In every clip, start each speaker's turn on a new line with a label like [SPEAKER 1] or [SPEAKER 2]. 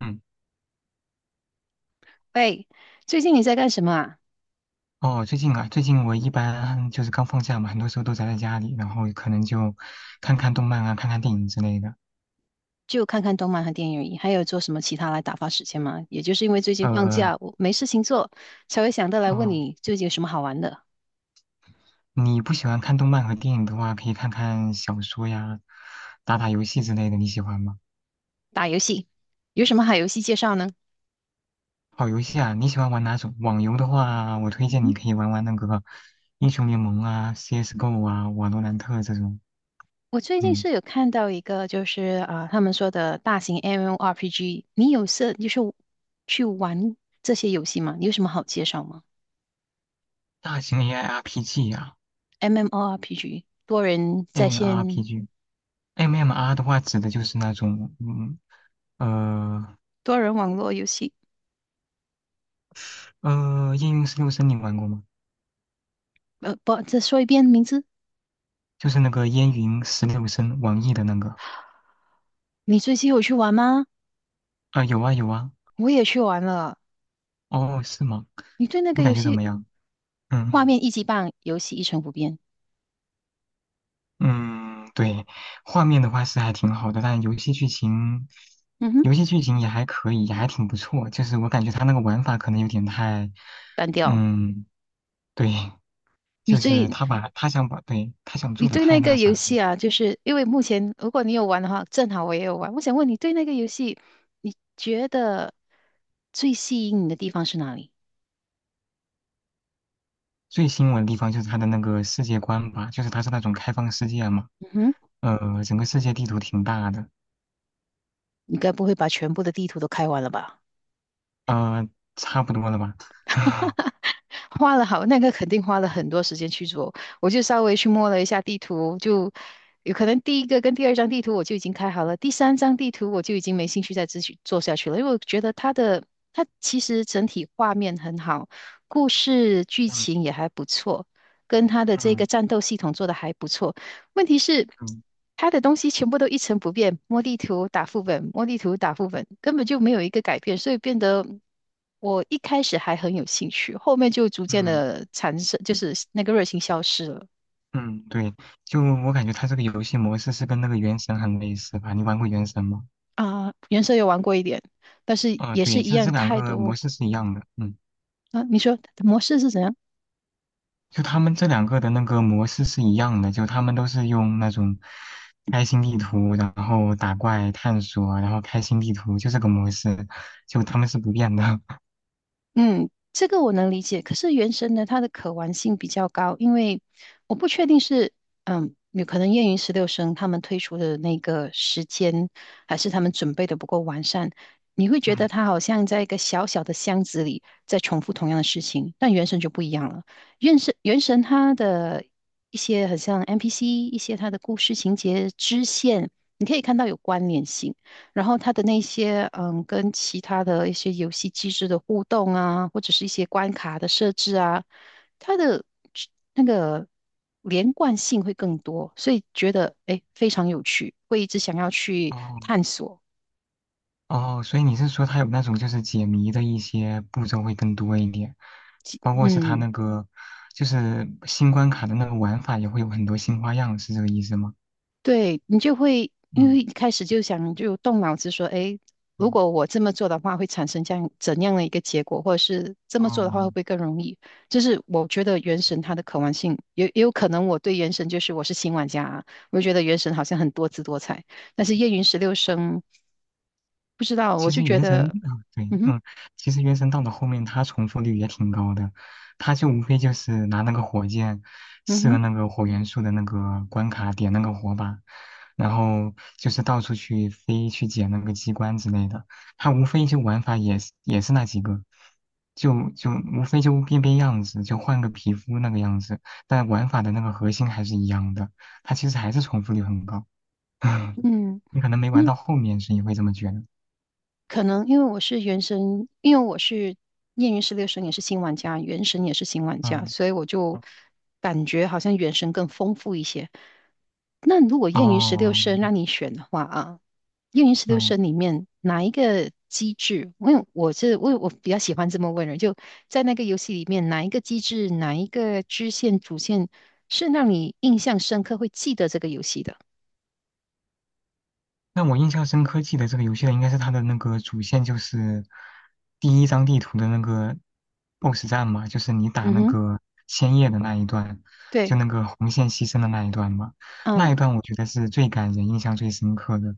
[SPEAKER 1] 嗯，
[SPEAKER 2] 喂，最近你在干什么啊？
[SPEAKER 1] 哦，最近啊，最近我一般就是刚放假嘛，很多时候都宅在家里，然后可能就看看动漫啊，看看电影之类的。
[SPEAKER 2] 就看看动漫和电影而已，还有做什么其他来打发时间吗？也就是因为最近放
[SPEAKER 1] 呃，
[SPEAKER 2] 假，我没事情做，才会想到来问
[SPEAKER 1] 哦，
[SPEAKER 2] 你最近有什么好玩的。
[SPEAKER 1] 你不喜欢看动漫和电影的话，可以看看小说呀，打打游戏之类的，你喜欢吗？
[SPEAKER 2] 打游戏，有什么好游戏介绍呢？
[SPEAKER 1] 好游戏啊，你喜欢玩哪种？网游的话，我推荐
[SPEAKER 2] 嗯，
[SPEAKER 1] 你可以玩玩那个英雄联盟啊、CS:GO 啊、瓦罗兰特这种，
[SPEAKER 2] 我最近
[SPEAKER 1] 嗯，
[SPEAKER 2] 是有看到一个，他们说的大型 MMORPG，你有涉去玩这些游戏吗？你有什么好介绍吗
[SPEAKER 1] 大型 AIRPG 啊、
[SPEAKER 2] ？MMORPG 多人
[SPEAKER 1] m
[SPEAKER 2] 在
[SPEAKER 1] m r
[SPEAKER 2] 线
[SPEAKER 1] p g MMR 的话指的就是那种，嗯。呃，
[SPEAKER 2] 多人网络游戏，
[SPEAKER 1] 夜云十六声你玩过吗？
[SPEAKER 2] 不，再说一遍名字，
[SPEAKER 1] 就是那个烟云十六声，网易的那个。
[SPEAKER 2] 你最近有去玩吗？
[SPEAKER 1] 啊、有啊有啊。
[SPEAKER 2] 我也去玩了。
[SPEAKER 1] 哦，是吗？
[SPEAKER 2] 你对那个
[SPEAKER 1] 你
[SPEAKER 2] 游
[SPEAKER 1] 感觉怎
[SPEAKER 2] 戏
[SPEAKER 1] 么样？
[SPEAKER 2] 画
[SPEAKER 1] 嗯
[SPEAKER 2] 面一级棒，游戏一成不变。
[SPEAKER 1] 嗯，对，画面的话是还挺好的，但游戏剧情，
[SPEAKER 2] 嗯哼，
[SPEAKER 1] 游戏剧情也还可以，也还挺不错。就是我感觉他那个玩法可能有点太，
[SPEAKER 2] 单调。
[SPEAKER 1] 嗯，对，
[SPEAKER 2] 你
[SPEAKER 1] 就是
[SPEAKER 2] 对
[SPEAKER 1] 他把他想把对他想做
[SPEAKER 2] 你
[SPEAKER 1] 的
[SPEAKER 2] 对
[SPEAKER 1] 太
[SPEAKER 2] 那
[SPEAKER 1] 那
[SPEAKER 2] 个
[SPEAKER 1] 啥
[SPEAKER 2] 游
[SPEAKER 1] 了。
[SPEAKER 2] 戏啊，就是因为目前如果你有玩的话，正好我也有玩。我想问你对那个游戏，你觉得最吸引你的地方是哪里？
[SPEAKER 1] 最吸引我的地方就是他的那个世界观吧，就是他是那种开放世界嘛。
[SPEAKER 2] 嗯哼，
[SPEAKER 1] 整个世界地图挺大的，
[SPEAKER 2] 你该不会把全部的地图都开完了吧？
[SPEAKER 1] 啊、差不多了吧？
[SPEAKER 2] 花了好，那个肯定花了很多时间去做。我就稍微去摸了一下地图，就有可能第一个跟第二张地图我就已经开好了，第三张地图我就已经没兴趣再继续做下去了，因为我觉得它其实整体画面很好，故事剧
[SPEAKER 1] 嗯
[SPEAKER 2] 情也还不错，跟它的这个
[SPEAKER 1] 嗯
[SPEAKER 2] 战斗系统做得还不错。问题是，
[SPEAKER 1] 嗯
[SPEAKER 2] 他的东西全部都一成不变，摸地图打副本，摸地图打副本，根本就没有一个改变，所以变得我一开始还很有兴趣，后面就逐渐
[SPEAKER 1] 嗯
[SPEAKER 2] 的产生，就是那个热情消失了
[SPEAKER 1] 嗯，对，就我感觉它这个游戏模式是跟那个《原神》很类似吧？你玩过《原神》吗？
[SPEAKER 2] 啊。原神有玩过一点，但是
[SPEAKER 1] 啊、
[SPEAKER 2] 也是
[SPEAKER 1] 对，
[SPEAKER 2] 一
[SPEAKER 1] 就这
[SPEAKER 2] 样
[SPEAKER 1] 两
[SPEAKER 2] 太
[SPEAKER 1] 个
[SPEAKER 2] 多
[SPEAKER 1] 模式是一样的。嗯，
[SPEAKER 2] 啊。你说模式是怎样？
[SPEAKER 1] 就他们这两个的那个模式是一样的，就他们都是用那种开心地图，然后打怪探索，然后开心地图，就这个模式，就他们是不变的。
[SPEAKER 2] 嗯，这个我能理解。可是原神呢，它的可玩性比较高，因为我不确定是嗯，有可能燕云十六声他们推出的那个时间，还是他们准备的不够完善。你会 觉得
[SPEAKER 1] 嗯，
[SPEAKER 2] 它好像在一个小小的箱子里在重复同样的事情，但原神就不一样了。原神它的一些很像 NPC,一些它的故事情节支线，你可以看到有关联性。然后它的那些嗯，跟其他的一些游戏机制的互动啊，或者是一些关卡的设置啊，它的去那个连贯性会更多，所以觉得诶非常有趣，会一直想要去
[SPEAKER 1] 哦，
[SPEAKER 2] 探索。
[SPEAKER 1] 哦，所以你是说它有那种就是解谜的一些步骤会更多一点，包括是它
[SPEAKER 2] 嗯。
[SPEAKER 1] 那个就是新关卡的那个玩法也会有很多新花样，是这个意思吗？
[SPEAKER 2] 对，你就会因为
[SPEAKER 1] 嗯
[SPEAKER 2] 一开始就想就动脑子说，诶，如
[SPEAKER 1] 嗯
[SPEAKER 2] 果我这么做的话，会产生这样怎样的一个结果，或者是这
[SPEAKER 1] 哦
[SPEAKER 2] 么做的话会不会
[SPEAKER 1] 哦
[SPEAKER 2] 更容易？就是我觉得原神它的可玩性，也有可能我对原神就是我是新玩家啊，我就觉得原神好像很多姿多彩，但是夜云十六声不知道，我
[SPEAKER 1] 其
[SPEAKER 2] 就
[SPEAKER 1] 实
[SPEAKER 2] 觉
[SPEAKER 1] 原神
[SPEAKER 2] 得，
[SPEAKER 1] 啊，对，
[SPEAKER 2] 嗯哼，
[SPEAKER 1] 嗯，其实原神到了后面，它重复率也挺高的，它就无非就是拿那个火箭
[SPEAKER 2] 嗯
[SPEAKER 1] 射
[SPEAKER 2] 哼，
[SPEAKER 1] 那个火元素的那个关卡，点那个火把，然后就是到处去飞去捡那个机关之类的，它无非就玩法也是那几个，就无非就变变样子，就换个皮肤那个样子，但玩法的那个核心还是一样的，它其实还是重复率很高，
[SPEAKER 2] 嗯。
[SPEAKER 1] 你可能没玩到后面，所以会这么觉得，
[SPEAKER 2] 可能因为我是原神，因为我是《燕云十六神》也是新玩家，《原神》也是新玩家，
[SPEAKER 1] 嗯。
[SPEAKER 2] 所以我就感觉好像《原神》更丰富一些。那如果《燕云十六
[SPEAKER 1] 哦，
[SPEAKER 2] 声》让你选的话啊，《燕云十六
[SPEAKER 1] 嗯，
[SPEAKER 2] 声》里面哪一个机制？因为我是我我比较喜欢这么问人，就在那个游戏里面，哪一个机制，哪一个支线、主线是让你印象深刻，会记得这个游戏的？
[SPEAKER 1] 那我印象深刻，记得这个游戏的应该是它的那个主线，就是第一张地图的那个 BOSS 战嘛，就是你打
[SPEAKER 2] 嗯
[SPEAKER 1] 那
[SPEAKER 2] 哼，
[SPEAKER 1] 个千叶的那一段，
[SPEAKER 2] 对，
[SPEAKER 1] 就那个红线牺牲的那一段嘛。那一
[SPEAKER 2] 嗯。
[SPEAKER 1] 段我觉得是最感人、印象最深刻的。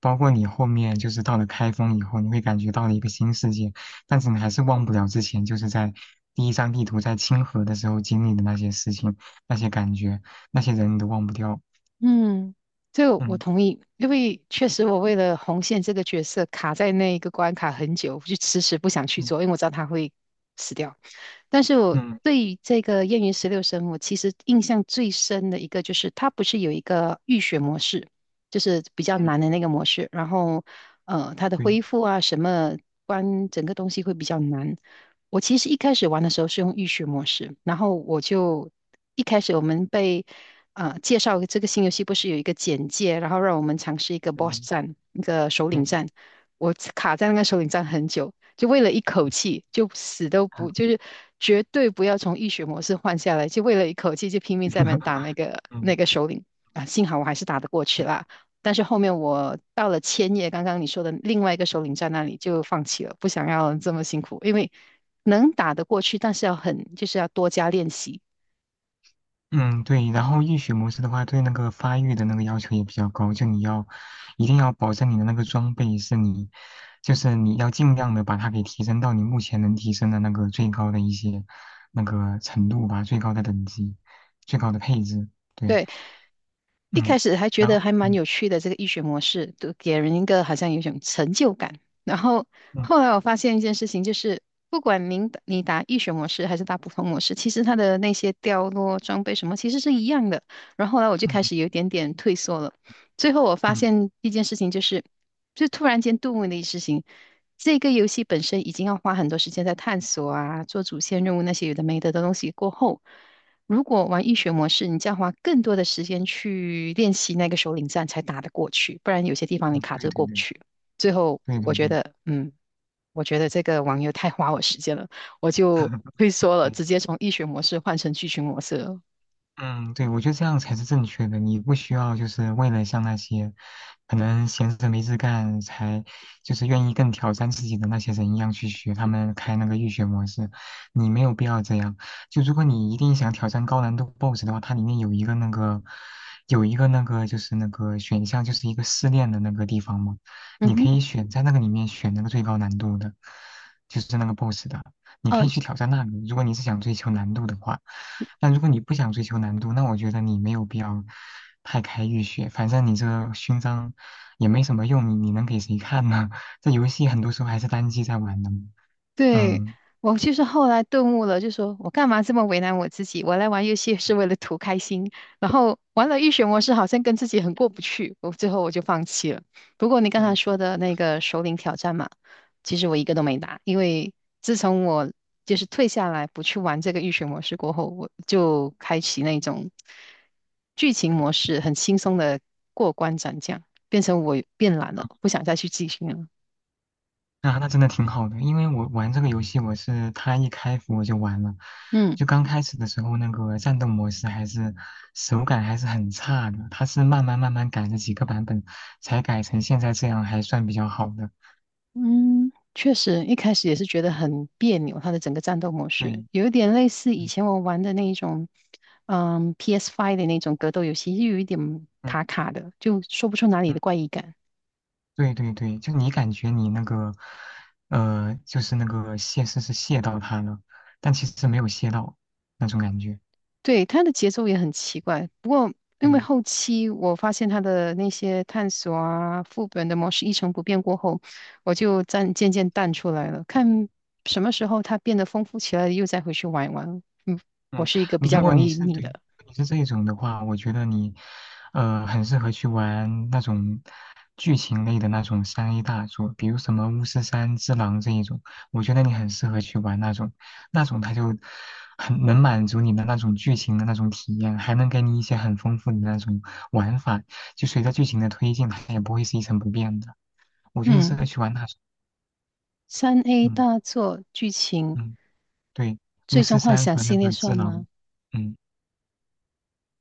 [SPEAKER 1] 包括你后面就是到了开封以后，你会感觉到了一个新世界，但是你还是忘不了之前就是在第一张地图在清河的时候经历的那些事情、那些感觉、那些人，你都忘不掉。
[SPEAKER 2] 嗯，这个我
[SPEAKER 1] 嗯。
[SPEAKER 2] 同意，因为确实我为了红线这个角色卡在那一个关卡很久，我就迟迟不想去
[SPEAKER 1] 嗯
[SPEAKER 2] 做，因为我知道他会死掉。但是我
[SPEAKER 1] 嗯
[SPEAKER 2] 对于这个燕云十六声》我其实印象最深的一个就是，它不是有一个浴血模式，就是比较
[SPEAKER 1] 嗯，
[SPEAKER 2] 难的那个模式，然后它的
[SPEAKER 1] 对，
[SPEAKER 2] 恢复啊，什么关整个东西会比较难。我其实一开始玩的时候是用浴血模式，然后我就一开始我们被介绍这个新游戏，不是有一个简介，然后让我们尝试一个 boss
[SPEAKER 1] 嗯
[SPEAKER 2] 战，一个首领
[SPEAKER 1] 嗯
[SPEAKER 2] 战，我卡在那个首领战很久。就为了一口气，就死都
[SPEAKER 1] 啊
[SPEAKER 2] 不，就是绝对不要从浴血模式换下来，就为了一口气就拼命在那边打那个 那
[SPEAKER 1] 嗯
[SPEAKER 2] 个首领啊，幸好我还是打得过去啦。但是后面我到了千叶，刚刚你说的另外一个首领在那里就放弃了，不想要这么辛苦，因为能打得过去，但是要很就是要多加练习。
[SPEAKER 1] 嗯，对。然后浴血模式的话，对那个发育的那个要求也比较高，就你要一定要保证你的那个装备是你，就是你要尽量的把它给提升到你目前能提升的那个最高的一些那个程度吧，最高的等级，最高的配置。对，
[SPEAKER 2] 对，一开
[SPEAKER 1] 嗯，
[SPEAKER 2] 始还觉
[SPEAKER 1] 然后
[SPEAKER 2] 得还蛮
[SPEAKER 1] 嗯
[SPEAKER 2] 有趣的这个医学模式，都给人一个好像有一种成就感。然后后来
[SPEAKER 1] 嗯
[SPEAKER 2] 我发现一件事情，就是不管您打医学模式还是打普通模式，其实它的那些掉落装备什么其实是一样的。然后后来我就开
[SPEAKER 1] 嗯
[SPEAKER 2] 始有一点点退缩了。最后我发
[SPEAKER 1] 嗯
[SPEAKER 2] 现一件事情，就是就突然间顿悟的一事情，这个游戏本身已经要花很多时间在探索啊，做主线任务那些有的没的的东西过后。如果玩易学模式，你就要花更多的时间去练习那个首领战才打得过去，不然有些地方你
[SPEAKER 1] 嗯，
[SPEAKER 2] 卡
[SPEAKER 1] 对
[SPEAKER 2] 着
[SPEAKER 1] 对
[SPEAKER 2] 过不
[SPEAKER 1] 对
[SPEAKER 2] 去。最后，
[SPEAKER 1] 对
[SPEAKER 2] 我
[SPEAKER 1] 对
[SPEAKER 2] 觉
[SPEAKER 1] 对，
[SPEAKER 2] 得，嗯，我觉得这个网游太花我时间了，我就 退缩了，
[SPEAKER 1] 对
[SPEAKER 2] 直接从易学模式换成剧情模式了。
[SPEAKER 1] 嗯，对，我觉得这样才是正确的。你不需要就是为了像那些可能闲着没事干才就是愿意更挑战自己的那些人一样去学他们开那个预选模式，你没有必要这样。就如果你一定想挑战高难度 BOSS 的话，它里面有一个那个有一个那个就是那个选项，就是一个试炼的那个地方嘛，
[SPEAKER 2] 嗯
[SPEAKER 1] 你可
[SPEAKER 2] 哼，
[SPEAKER 1] 以选在那个里面选那个最高难度的，就是那个 BOSS 的。你可
[SPEAKER 2] 呃，
[SPEAKER 1] 以去挑战那里，如果你是想追求难度的话。但如果你不想追求难度，那我觉得你没有必要太开浴血，反正你这勋章也没什么用，你能给谁看呢？这游戏很多时候还是单机在玩的嘛。
[SPEAKER 2] 对，
[SPEAKER 1] 嗯
[SPEAKER 2] 我就是后来顿悟了，就说我干嘛这么为难我自己？我来玩游戏是为了图开心，然后玩了预血模式，好像跟自己很过不去，我最后就放弃了。不过你刚才
[SPEAKER 1] 嗯
[SPEAKER 2] 说的那个首领挑战嘛，其实我一个都没打，因为自从我就是退下来不去玩这个预血模式过后，我就开启那种剧情模式，很轻松的过关斩将，变成我变懒了，
[SPEAKER 1] 嗯，
[SPEAKER 2] 不想再去继续了。
[SPEAKER 1] 那真的挺好的，因为我玩这个游戏，我是它一开服我就玩了，
[SPEAKER 2] 嗯。
[SPEAKER 1] 就刚开始的时候那个战斗模式还是手感还是很差的，它是慢慢慢慢改了几个版本，才改成现在这样还算比较好的。
[SPEAKER 2] 嗯，确实，一开始也是觉得很别扭，它的整个战斗模式
[SPEAKER 1] 对，
[SPEAKER 2] 有一点类似以
[SPEAKER 1] 嗯
[SPEAKER 2] 前我玩的那一种，嗯 PS5 的那种格斗游戏，又有一点卡卡的，就说不出哪里
[SPEAKER 1] 嗯，
[SPEAKER 2] 的怪异感。
[SPEAKER 1] 对对对，就你感觉你那个，就是那个泄是泄到他了，但其实没有泄到那种感觉。
[SPEAKER 2] 对，它的节奏也很奇怪，不过因为
[SPEAKER 1] 对
[SPEAKER 2] 后期我发现它的那些探索啊、副本的模式一成不变过后，我就暂渐渐淡出来了。看什么时候它变得丰富起来，又再回去玩一玩。嗯，我
[SPEAKER 1] 嗯，
[SPEAKER 2] 是一个比较
[SPEAKER 1] 如果
[SPEAKER 2] 容
[SPEAKER 1] 你
[SPEAKER 2] 易
[SPEAKER 1] 是
[SPEAKER 2] 腻
[SPEAKER 1] 对
[SPEAKER 2] 的。
[SPEAKER 1] 你是这种的话，我觉得你，很适合去玩那种剧情类的那种三 A 大作，比如什么《巫师三》《只狼》这一种，我觉得你很适合去玩那种，那种它就很能满足你的那种剧情的那种体验，还能给你一些很丰富的那种玩法，就随着剧情的推进，它也不会是一成不变的。我觉得你适
[SPEAKER 2] 嗯。
[SPEAKER 1] 合去玩那种，
[SPEAKER 2] 3A
[SPEAKER 1] 嗯
[SPEAKER 2] 大作剧情
[SPEAKER 1] 嗯，对，《巫
[SPEAKER 2] 《最
[SPEAKER 1] 师
[SPEAKER 2] 终幻
[SPEAKER 1] 三》
[SPEAKER 2] 想》
[SPEAKER 1] 和那
[SPEAKER 2] 系列
[SPEAKER 1] 个《只
[SPEAKER 2] 算
[SPEAKER 1] 狼》，
[SPEAKER 2] 吗？
[SPEAKER 1] 嗯。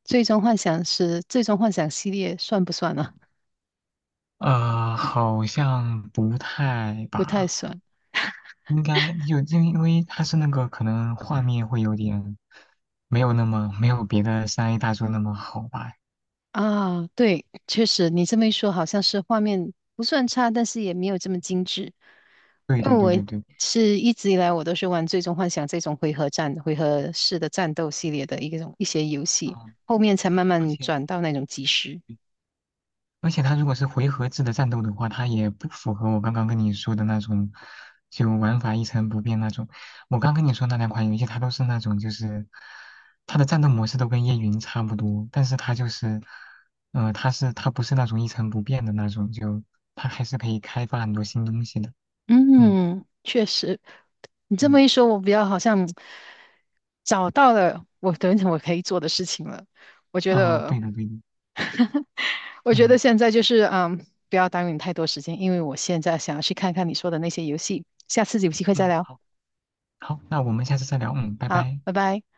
[SPEAKER 2] 《最终幻想》是《最终幻想》系列算不算啊？
[SPEAKER 1] 好像不太
[SPEAKER 2] 不太
[SPEAKER 1] 吧，
[SPEAKER 2] 算
[SPEAKER 1] 应该就因为它是那个可能画面会有点没有那么没有别的三 A 大作那么好吧。
[SPEAKER 2] 啊。对，确实你这么一说，好像是画面不算差，但是也没有这么精致。
[SPEAKER 1] 对
[SPEAKER 2] 因为
[SPEAKER 1] 对对对对，
[SPEAKER 2] 一直以来我都是玩《最终幻想》这种回合战、回合式的战斗系列的一个种一些游戏，
[SPEAKER 1] 嗯，
[SPEAKER 2] 后面才慢
[SPEAKER 1] 而
[SPEAKER 2] 慢
[SPEAKER 1] 且。
[SPEAKER 2] 转到那种即时。
[SPEAKER 1] 而且它如果是回合制的战斗的话，它也不符合我刚刚跟你说的那种，就玩法一成不变那种。我刚跟你说那两款游戏，它都是那种就是，它的战斗模式都跟叶云差不多，但是它就是，它是它不是那种一成不变的那种，就它还是可以开发很多新东西的。嗯
[SPEAKER 2] 嗯，确实，你这么
[SPEAKER 1] 嗯
[SPEAKER 2] 一说，我比较好像找到了我等一等我可以做的事情了。我觉
[SPEAKER 1] 啊，
[SPEAKER 2] 得，
[SPEAKER 1] 对的对的，
[SPEAKER 2] 我觉得
[SPEAKER 1] 嗯
[SPEAKER 2] 现在就是嗯，不要耽误你太多时间，因为我现在想要去看看你说的那些游戏。下次有机会再
[SPEAKER 1] 嗯，
[SPEAKER 2] 聊。
[SPEAKER 1] 好好，那我们下次再聊，嗯，拜
[SPEAKER 2] 好，
[SPEAKER 1] 拜。
[SPEAKER 2] 拜拜。